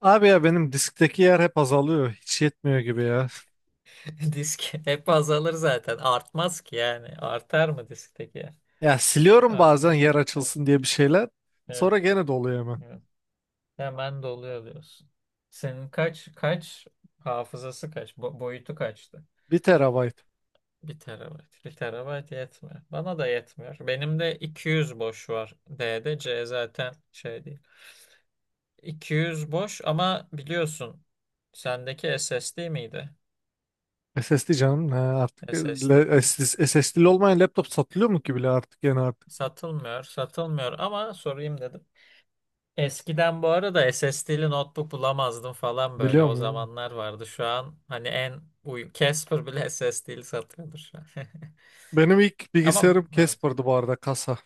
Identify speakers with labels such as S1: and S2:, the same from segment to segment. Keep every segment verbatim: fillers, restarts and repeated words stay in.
S1: Abi ya benim diskteki yer hep azalıyor. Hiç yetmiyor gibi ya.
S2: Disk hep azalır zaten. Artmaz ki yani. Artar mı diskteki?
S1: Ya siliyorum bazen
S2: Artmaz.
S1: yer
S2: Evet.
S1: açılsın diye bir şeyler.
S2: Evet.
S1: Sonra gene doluyor hemen.
S2: Evet. Hemen doluyor diyorsun. Senin kaç kaç hafızası kaç? Bo- boyutu kaçtı?
S1: Bir terabayt.
S2: Bir terabayt. Bir terabayt yetmiyor. Bana da yetmiyor. Benim de iki yüz boş var. D'de C zaten şey değil. iki yüz boş ama biliyorsun sendeki S S D miydi?
S1: S S D canım. Ha, artık e,
S2: S S D
S1: le-
S2: değil mi?
S1: SS- S S D'li olmayan laptop satılıyor mu ki bile artık yani artık.
S2: Satılmıyor, satılmıyor ama sorayım dedim. Eskiden bu arada S S SSD'li notebook bulamazdım falan böyle. O
S1: Biliyorum ya.
S2: zamanlar vardı. Şu an hani en uy Casper bile S S D'li satıyordur şu an.
S1: Benim ilk
S2: Ama
S1: bilgisayarım
S2: evet.
S1: Casper'dı bu arada kasa.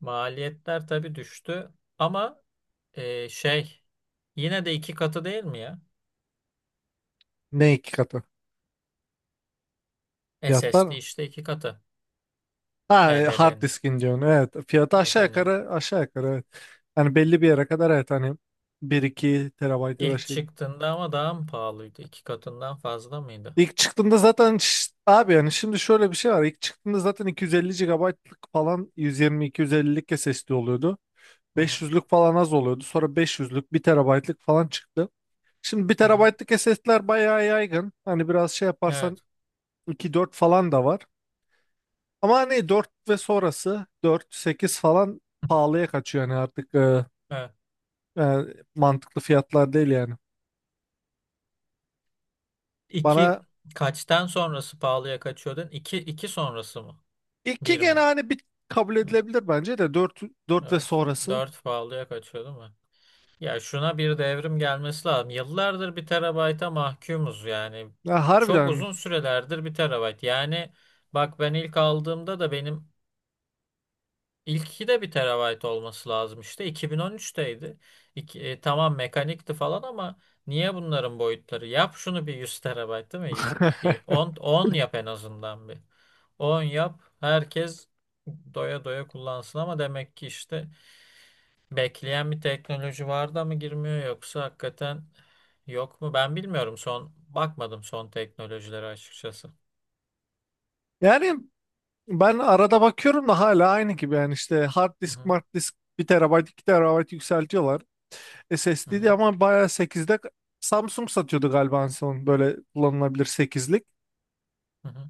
S2: Maliyetler tabii düştü. Ama e, şey yine de iki katı değil mi ya?
S1: Ne iki katı?
S2: S S
S1: Fiyatlar
S2: D
S1: mı?
S2: işte iki katı. H D
S1: Ha e, hard
S2: H D D'nin
S1: diskin diyorsun. Evet. Fiyatı aşağı
S2: mekaniği.
S1: yukarı aşağı yukarı evet. Hani belli bir yere kadar evet hani bir iki terabayt ya da
S2: İlk
S1: şey.
S2: çıktığında ama daha mı pahalıydı? İki katından fazla mıydı?
S1: İlk çıktığında zaten ş- abi yani şimdi şöyle bir şey var. İlk çıktığında zaten iki yüz elli gigabaytlık falan yüz yirmi iki yüz ellilik S S D oluyordu.
S2: Hı hı,
S1: beş yüzlük falan az oluyordu. Sonra beş yüzlük bir terabaytlık falan çıktı. Şimdi bir
S2: hı hı.
S1: T B'lık S S D'ler bayağı yaygın. Hani biraz şey yaparsan
S2: Evet.
S1: iki dört falan da var. Ama hani dört ve sonrası dört sekiz falan pahalıya kaçıyor yani artık e,
S2: Evet.
S1: yani mantıklı fiyatlar değil yani.
S2: İki
S1: Bana
S2: kaçtan sonrası pahalıya kaçıyordun? İki, iki sonrası mı?
S1: iki
S2: Bir
S1: gene
S2: mi?
S1: hani bir kabul
S2: Hı,
S1: edilebilir bence de dört dört ve
S2: evet.
S1: sonrası.
S2: Dört pahalıya kaçıyor değil mi? Ya şuna bir devrim gelmesi lazım. Yıllardır bir terabayta mahkumuz yani.
S1: Ya
S2: Çok
S1: harbiden.
S2: uzun sürelerdir bir terabayt. Yani bak ben ilk aldığımda da benim ilki de bir terabayt olması lazım işte. iki bin on üçteydi. İki- e, tamam mekanikti falan ama niye bunların boyutları? Yap şunu bir yüz terabayt değil mi? Bir on on yap en azından bir. On yap. Herkes doya doya kullansın ama demek ki işte bekleyen bir teknoloji var da mı girmiyor yoksa hakikaten yok mu? Ben bilmiyorum son bakmadım son teknolojilere açıkçası.
S1: Yani ben arada bakıyorum da hala aynı gibi yani işte hard
S2: Hı
S1: disk,
S2: hı,
S1: mart disk bir terabayt iki terabayt yükseltiyorlar.
S2: hı hı,
S1: S S D'ydi ama bayağı sekizde Samsung satıyordu galiba en son böyle kullanılabilir sekizlik.
S2: hı hı.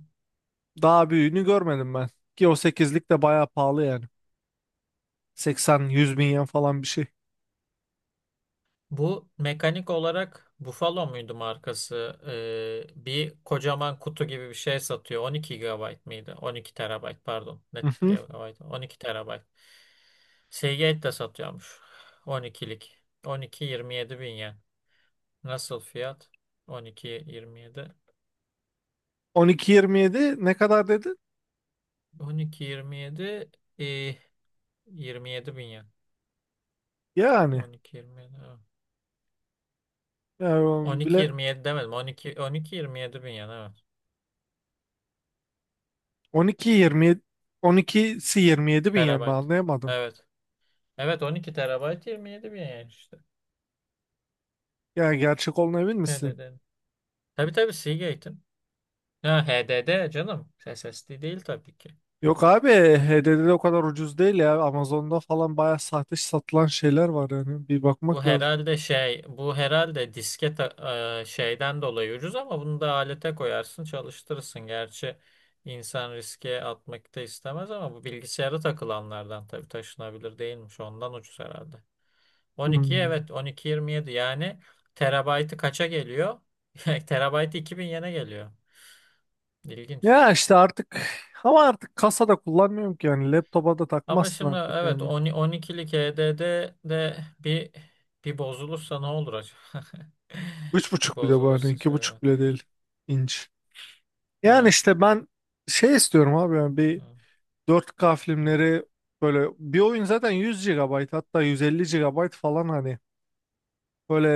S1: Daha büyüğünü görmedim ben. Ki o sekizlik de bayağı pahalı yani. seksen yüz bin yen falan bir şey.
S2: Bu mekanik olarak Buffalo muydu markası? Ee, bir kocaman kutu gibi bir şey satıyor. on iki G B mıydı? on iki terabayt pardon. Ne
S1: Hı hı.
S2: gigabayt? on iki terabayt. Seagate de satıyormuş. on ikilik. on iki yirmi yedi bin yen. Nasıl fiyat? on iki yirmi yedi.
S1: on iki yirmi yedi ne kadar dedin?
S2: on iki yirmi yedi e, yirmi yedi bin yen.
S1: Yani,
S2: on iki yirmi yedi evet.
S1: yani
S2: On
S1: o
S2: iki
S1: bile
S2: yirmi yedi demedim. on iki yirmi yedi bin yen evet.
S1: on iki yirmi yedi, on ikisi yirmi yedi bin yen mi
S2: Terabayt.
S1: anlayamadım.
S2: Evet. Evet on iki terabayt yirmi yedi bin yen işte.
S1: Yani gerçek olduğuna emin misin?
S2: H D D. Tabii tabii Seagate'in. Ha H D D canım. S S D değil tabii ki.
S1: Yok abi, H D D'de o kadar ucuz değil ya. Amazon'da falan bayağı sahte satılan şeyler var yani. Bir
S2: Bu
S1: bakmak lazım.
S2: herhalde şey, bu herhalde disket e, şeyden dolayı ucuz ama bunu da alete koyarsın, çalıştırırsın. Gerçi insan riske atmak da istemez ama bu bilgisayara takılanlardan tabii taşınabilir değilmiş. Ondan ucuz herhalde. on iki
S1: Hmm.
S2: evet on iki yirmi yedi yani terabaytı kaça geliyor? Terabaytı iki bin yene geliyor. İlginç.
S1: Ya işte artık ama artık kasada kullanmıyorum ki yani. Laptopa da
S2: Ama
S1: takmazsın
S2: şimdi
S1: artık
S2: evet
S1: yani.
S2: on on ikilik H D D de bir bir bozulursa ne olur acaba?
S1: Üç
S2: Bir
S1: buçuk, bir de bu hani
S2: bozulursa
S1: iki
S2: şey
S1: buçuk
S2: evet.
S1: bile değil inç. Yani
S2: Evet.
S1: işte ben şey istiyorum abi yani bir
S2: Hı,
S1: dört k
S2: hı.
S1: filmleri, böyle bir oyun zaten yüz gigabayt hatta yüz elli gigabayt falan hani. Böyle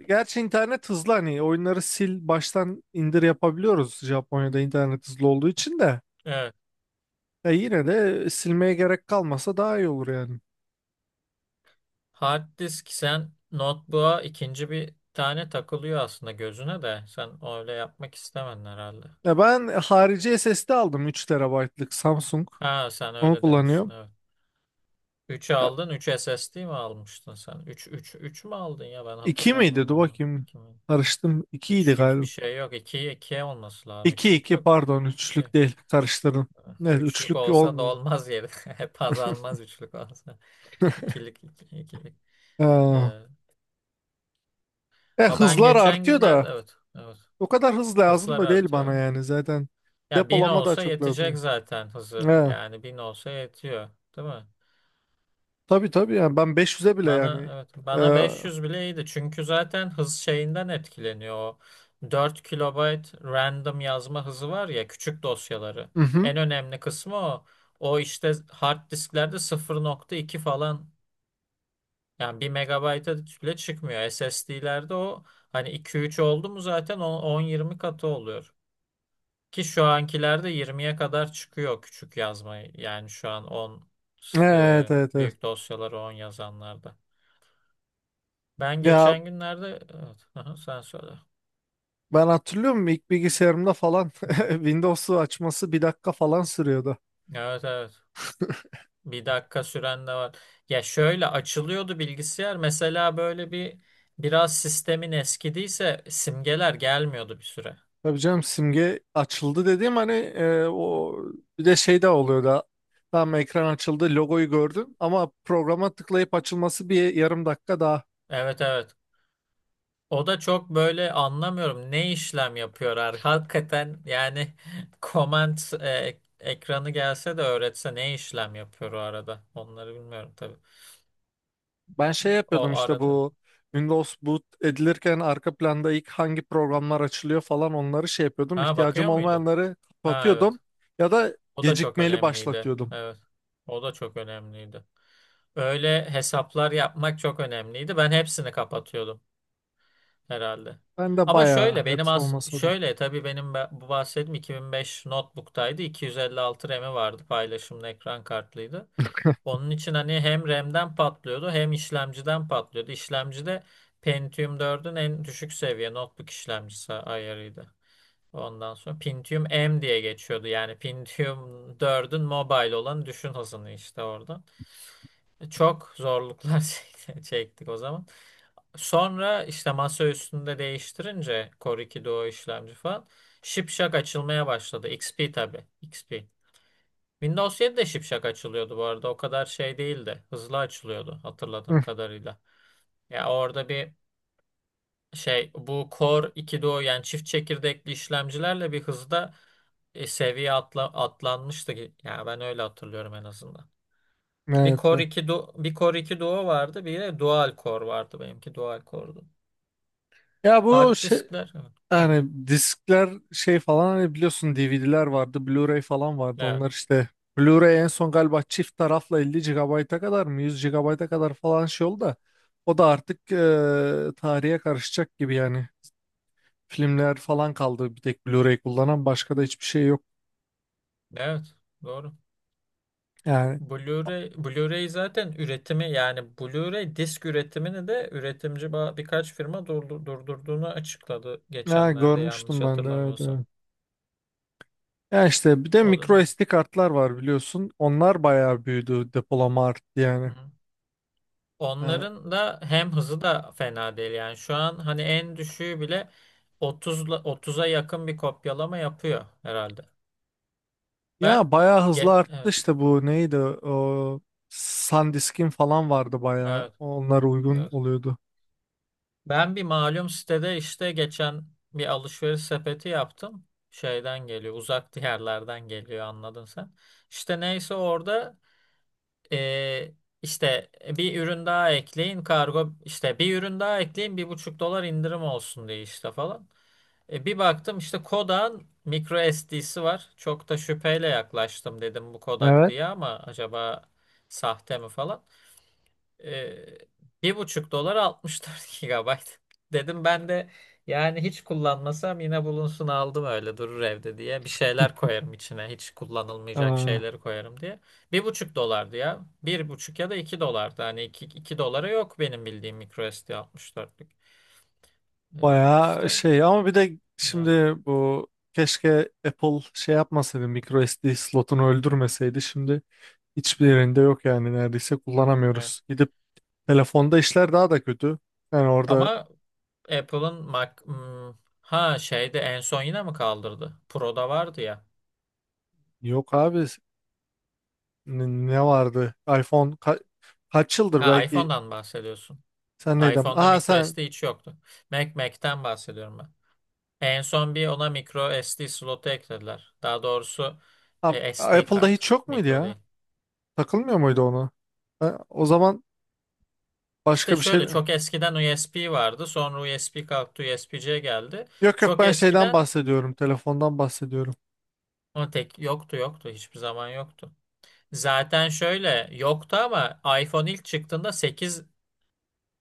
S1: e, gerçi internet hızlı hani oyunları sil baştan indir yapabiliyoruz, Japonya'da internet hızlı olduğu için de
S2: evet.
S1: ya yine de silmeye gerek kalmasa daha iyi olur yani.
S2: Hard disk sen notebook'a ikinci bir tane takılıyor aslında gözüne de. Sen öyle yapmak istemedin herhalde.
S1: Ya ben harici S S D aldım, üç terabaytlık Samsung.
S2: Ha sen
S1: Onu
S2: öyle demiştin
S1: kullanıyorum.
S2: evet. üçü
S1: Ya,
S2: aldın. üç S S D mi almıştın sen? Üç üç üç mü aldın ya ben
S1: iki miydi?
S2: hatırlamıyorum
S1: Dur
S2: onu.
S1: bakayım.
S2: iki mi?
S1: Karıştım. ikiydi
S2: Üçlük bir
S1: galiba.
S2: şey yok. iki iki olması lazım.
S1: İki
S2: Üçlük
S1: iki
S2: yok ki.
S1: pardon,
S2: iki.
S1: üçlük değil, karıştırdım. Evet
S2: Üçlük
S1: üçlük
S2: olsa da
S1: olmuyor.
S2: olmaz yeri. Hep azalmaz üçlük olsa. İkilik iki, ikilik.
S1: Ha.
S2: Ee,
S1: Ya,
S2: ama ben
S1: hızlar
S2: geçen
S1: artıyor
S2: günlerde
S1: da
S2: evet. Evet.
S1: o kadar hız lazım
S2: Hızlar
S1: da değil
S2: artıyor.
S1: bana yani zaten
S2: Ya bin
S1: depolama daha
S2: olsa
S1: çok
S2: yetecek
S1: lazım.
S2: zaten hızı.
S1: Evet.
S2: Yani bin olsa yetiyor, değil mi?
S1: Tabii tabii yani ben beş yüze bile
S2: Bana
S1: yani.
S2: evet
S1: Ee,
S2: bana
S1: hı
S2: beş yüz bile iyiydi. Çünkü zaten hız şeyinden etkileniyor o. dört kilobayt random yazma hızı var ya küçük dosyaları.
S1: hı.
S2: En önemli kısmı o. O işte hard disklerde sıfır nokta iki falan yani bir megabayta bile çıkmıyor. S S D'lerde o hani iki üç oldu mu zaten o on yirmi katı oluyor. Ki şu ankilerde yirmiye kadar çıkıyor küçük yazmayı. Yani şu an on
S1: Evet
S2: e,
S1: evet evet.
S2: büyük dosyaları on yazanlarda. Ben
S1: Ya
S2: geçen günlerde evet, aha, sen söyle.
S1: ben hatırlıyorum ilk bilgisayarımda falan
S2: Hı hı.
S1: Windows'u açması bir dakika falan sürüyordu.
S2: Evet evet. Bir dakika süren de var. Ya şöyle açılıyordu bilgisayar. Mesela böyle bir biraz sistemin eskidiyse simgeler gelmiyordu bir süre.
S1: Tabii canım, simge açıldı dediğim hani e, o bir de şey de oluyordu. Tamam ekran açıldı, logoyu gördün ama programa tıklayıp açılması bir yarım dakika daha.
S2: Evet evet. O da çok böyle anlamıyorum ne işlem yapıyorlar? ar- hakikaten yani comment e, ekranı gelse de öğretse ne işlem yapıyor o arada onları bilmiyorum tabii.
S1: Ben şey
S2: O
S1: yapıyordum işte
S2: arada
S1: bu Windows boot edilirken arka planda ilk hangi programlar açılıyor falan onları şey yapıyordum.
S2: ha
S1: İhtiyacım
S2: bakıyor muydun?
S1: olmayanları
S2: Ha evet
S1: kapatıyordum ya da
S2: o da çok
S1: gecikmeli
S2: önemliydi
S1: başlatıyordum.
S2: evet o da çok önemliydi. Öyle hesaplar yapmak çok önemliydi ben hepsini kapatıyordum herhalde.
S1: Ben de
S2: Ama şöyle
S1: bayağı,
S2: benim
S1: hepsi
S2: as
S1: olmasa da.
S2: şöyle tabii benim ba- bu bahsettiğim iki bin beş notebook'taydı iki yüz elli altı RAM'i vardı paylaşımlı ekran kartlıydı. Onun için hani hem RAM'den patlıyordu hem işlemciden patlıyordu. İşlemci de Pentium dördün en düşük seviye notebook işlemcisi ayarıydı. Ondan sonra Pentium M diye geçiyordu. Yani Pentium dördün mobile olan düşün hızını işte orada. Çok zorluklar çekti- çektik o zaman. Sonra işte masa üstünde değiştirince Core iki Duo işlemci falan şipşak açılmaya başladı. X P tabii. X P. Windows yedi de şipşak açılıyordu bu arada. O kadar şey değildi. Hızlı açılıyordu
S1: Hı,
S2: hatırladığım kadarıyla. Ya orada bir şey bu Core iki duo yani çift çekirdekli işlemcilerle bir hızda e, seviye atla, atlanmıştı. ki- Yani ben öyle hatırlıyorum en azından. Bir
S1: evet.
S2: Core
S1: evet.
S2: iki Duo, bir Core iki Duo vardı, bir de Dual Core vardı benimki Dual Core'du.
S1: Ya bu
S2: Hard
S1: şey
S2: diskler. Evet. Hı hı.
S1: yani diskler şey falan hani biliyorsun D V D'ler vardı, Blu-ray falan vardı.
S2: Evet.
S1: Onlar işte Blu-ray en son galiba çift tarafla elli gigabayta kadar mı yüz gigabayta kadar falan şey oldu da o da artık eee, tarihe karışacak gibi yani. Filmler falan kaldı bir tek Blu-ray kullanan, başka da hiçbir şey yok.
S2: Evet. Doğru.
S1: Yani
S2: Blu-ray, Blu-ray zaten üretimi yani Blu-ray disk üretimini de üretimci ba- birkaç firma durdu- durdurduğunu açıkladı
S1: ya
S2: geçenlerde yanlış
S1: görmüştüm ben de, evet,
S2: hatırlamıyorsam.
S1: evet. Ya işte bir de
S2: O da.
S1: micro S D kartlar var biliyorsun. Onlar bayağı büyüdü, depolama arttı
S2: Hı
S1: yani.
S2: hı.
S1: Yani
S2: Onların da hem hızı da fena değil yani şu an hani en düşüğü bile otuzla otuza yakın bir kopyalama yapıyor herhalde. Ben
S1: ya bayağı hızlı
S2: ge-
S1: arttı
S2: evet
S1: işte bu neydi o SanDisk'in falan vardı bayağı.
S2: evet
S1: Onlar uygun
S2: evet.
S1: oluyordu.
S2: Ben bir malum sitede işte geçen bir alışveriş sepeti yaptım. Şeyden geliyor, uzak diyarlardan geliyor anladın sen. İşte neyse orada eee, işte bir ürün daha ekleyin kargo işte bir ürün daha ekleyin bir buçuk dolar indirim olsun diye işte falan. E, bir baktım işte Kodak'ın micro S D'si var. Çok da şüpheyle yaklaştım dedim bu Kodak
S1: Evet.
S2: diye ama acaba sahte mi falan. Ee, bir buçuk dolar altmış dört gigabayt. Dedim ben de yani hiç kullanmasam yine bulunsun aldım öyle durur evde diye. Bir şeyler koyarım içine hiç kullanılmayacak
S1: Aa,
S2: şeyleri koyarım diye. Bir buçuk dolardı ya. Bir buçuk ya da iki dolardı. Hani iki, iki dolara yok benim bildiğim microSD altmış dörtlük. Ee,
S1: bayağı
S2: işte
S1: şey ama bir de şimdi
S2: evet,
S1: bu keşke Apple şey yapmasaydı, micro S D slotunu öldürmeseydi şimdi. Hiçbir yerinde yok yani, neredeyse
S2: evet.
S1: kullanamıyoruz. Gidip telefonda işler daha da kötü. Yani orada
S2: Ama Apple'ın Mac hmm, ha şeyde en son yine mi kaldırdı? Pro'da vardı ya.
S1: yok abi, n- ne vardı? iPhone ka- kaç yıldır
S2: Ha
S1: belki
S2: iPhone'dan bahsediyorsun.
S1: sen neydin?
S2: iPhone'da
S1: Aha
S2: micro
S1: sen
S2: S D hiç yoktu. Mac Mac'ten bahsediyorum ben. En son bir ona micro S D slotu eklediler. Daha doğrusu
S1: A-
S2: e, S D
S1: Apple'da
S2: kart.
S1: hiç yok muydu
S2: Micro
S1: ya?
S2: değil.
S1: Takılmıyor muydu onu? Ha, o zaman
S2: İşte
S1: başka bir şey.
S2: şöyle çok eskiden U S B vardı. Sonra U S B kalktı, U S B-C geldi.
S1: Yok yok
S2: Çok
S1: ben şeyden
S2: eskiden
S1: bahsediyorum. Telefondan bahsediyorum.
S2: o tek yoktu yoktu. Hiçbir zaman yoktu. Zaten şöyle yoktu ama iPhone ilk çıktığında sekiz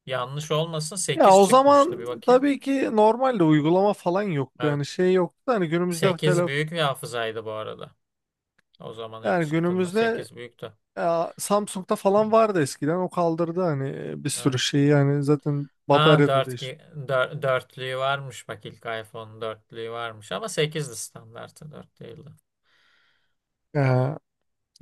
S2: yanlış olmasın
S1: Ya
S2: sekiz
S1: o
S2: çıkmıştı.
S1: zaman
S2: Bir bakayım.
S1: tabii ki normalde uygulama falan yoktu. Yani
S2: Evet.
S1: şey yoktu da hani günümüzde
S2: Sekiz
S1: telefon
S2: büyük bir hafızaydı bu arada. O zaman ilk
S1: yani
S2: çıktığında
S1: günümüzde.
S2: sekiz büyüktü.
S1: Ya, Samsung'da falan vardı eskiden o kaldırdı hani e, bir sürü
S2: Evet.
S1: şeyi yani zaten
S2: Ha
S1: bataryada
S2: dört,
S1: değiş.
S2: ki- dör- dörtlüğü varmış bak ilk iPhone'un dörtlüğü varmış ama sekizdi standartı dört değildi.
S1: Ya,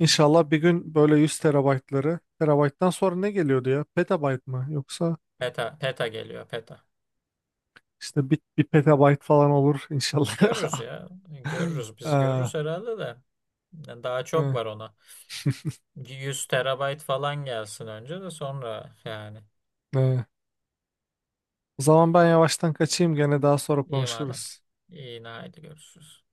S2: Hmm.
S1: bir gün böyle yüz terabaytları, terabayttan sonra ne geliyordu ya? Petabayt mı? Yoksa
S2: Peta, peta geliyor peta.
S1: işte bir, bir petabayt falan olur inşallah.
S2: Görürüz ya görürüz biz
S1: Aa,
S2: görürüz herhalde de. Yani daha çok
S1: hı,
S2: var ona. Yüz terabayt falan gelsin önce de sonra yani.
S1: hı. O zaman ben yavaştan kaçayım, gene daha sonra
S2: İyi madem.
S1: konuşuruz.
S2: İyi haydi görüşürüz.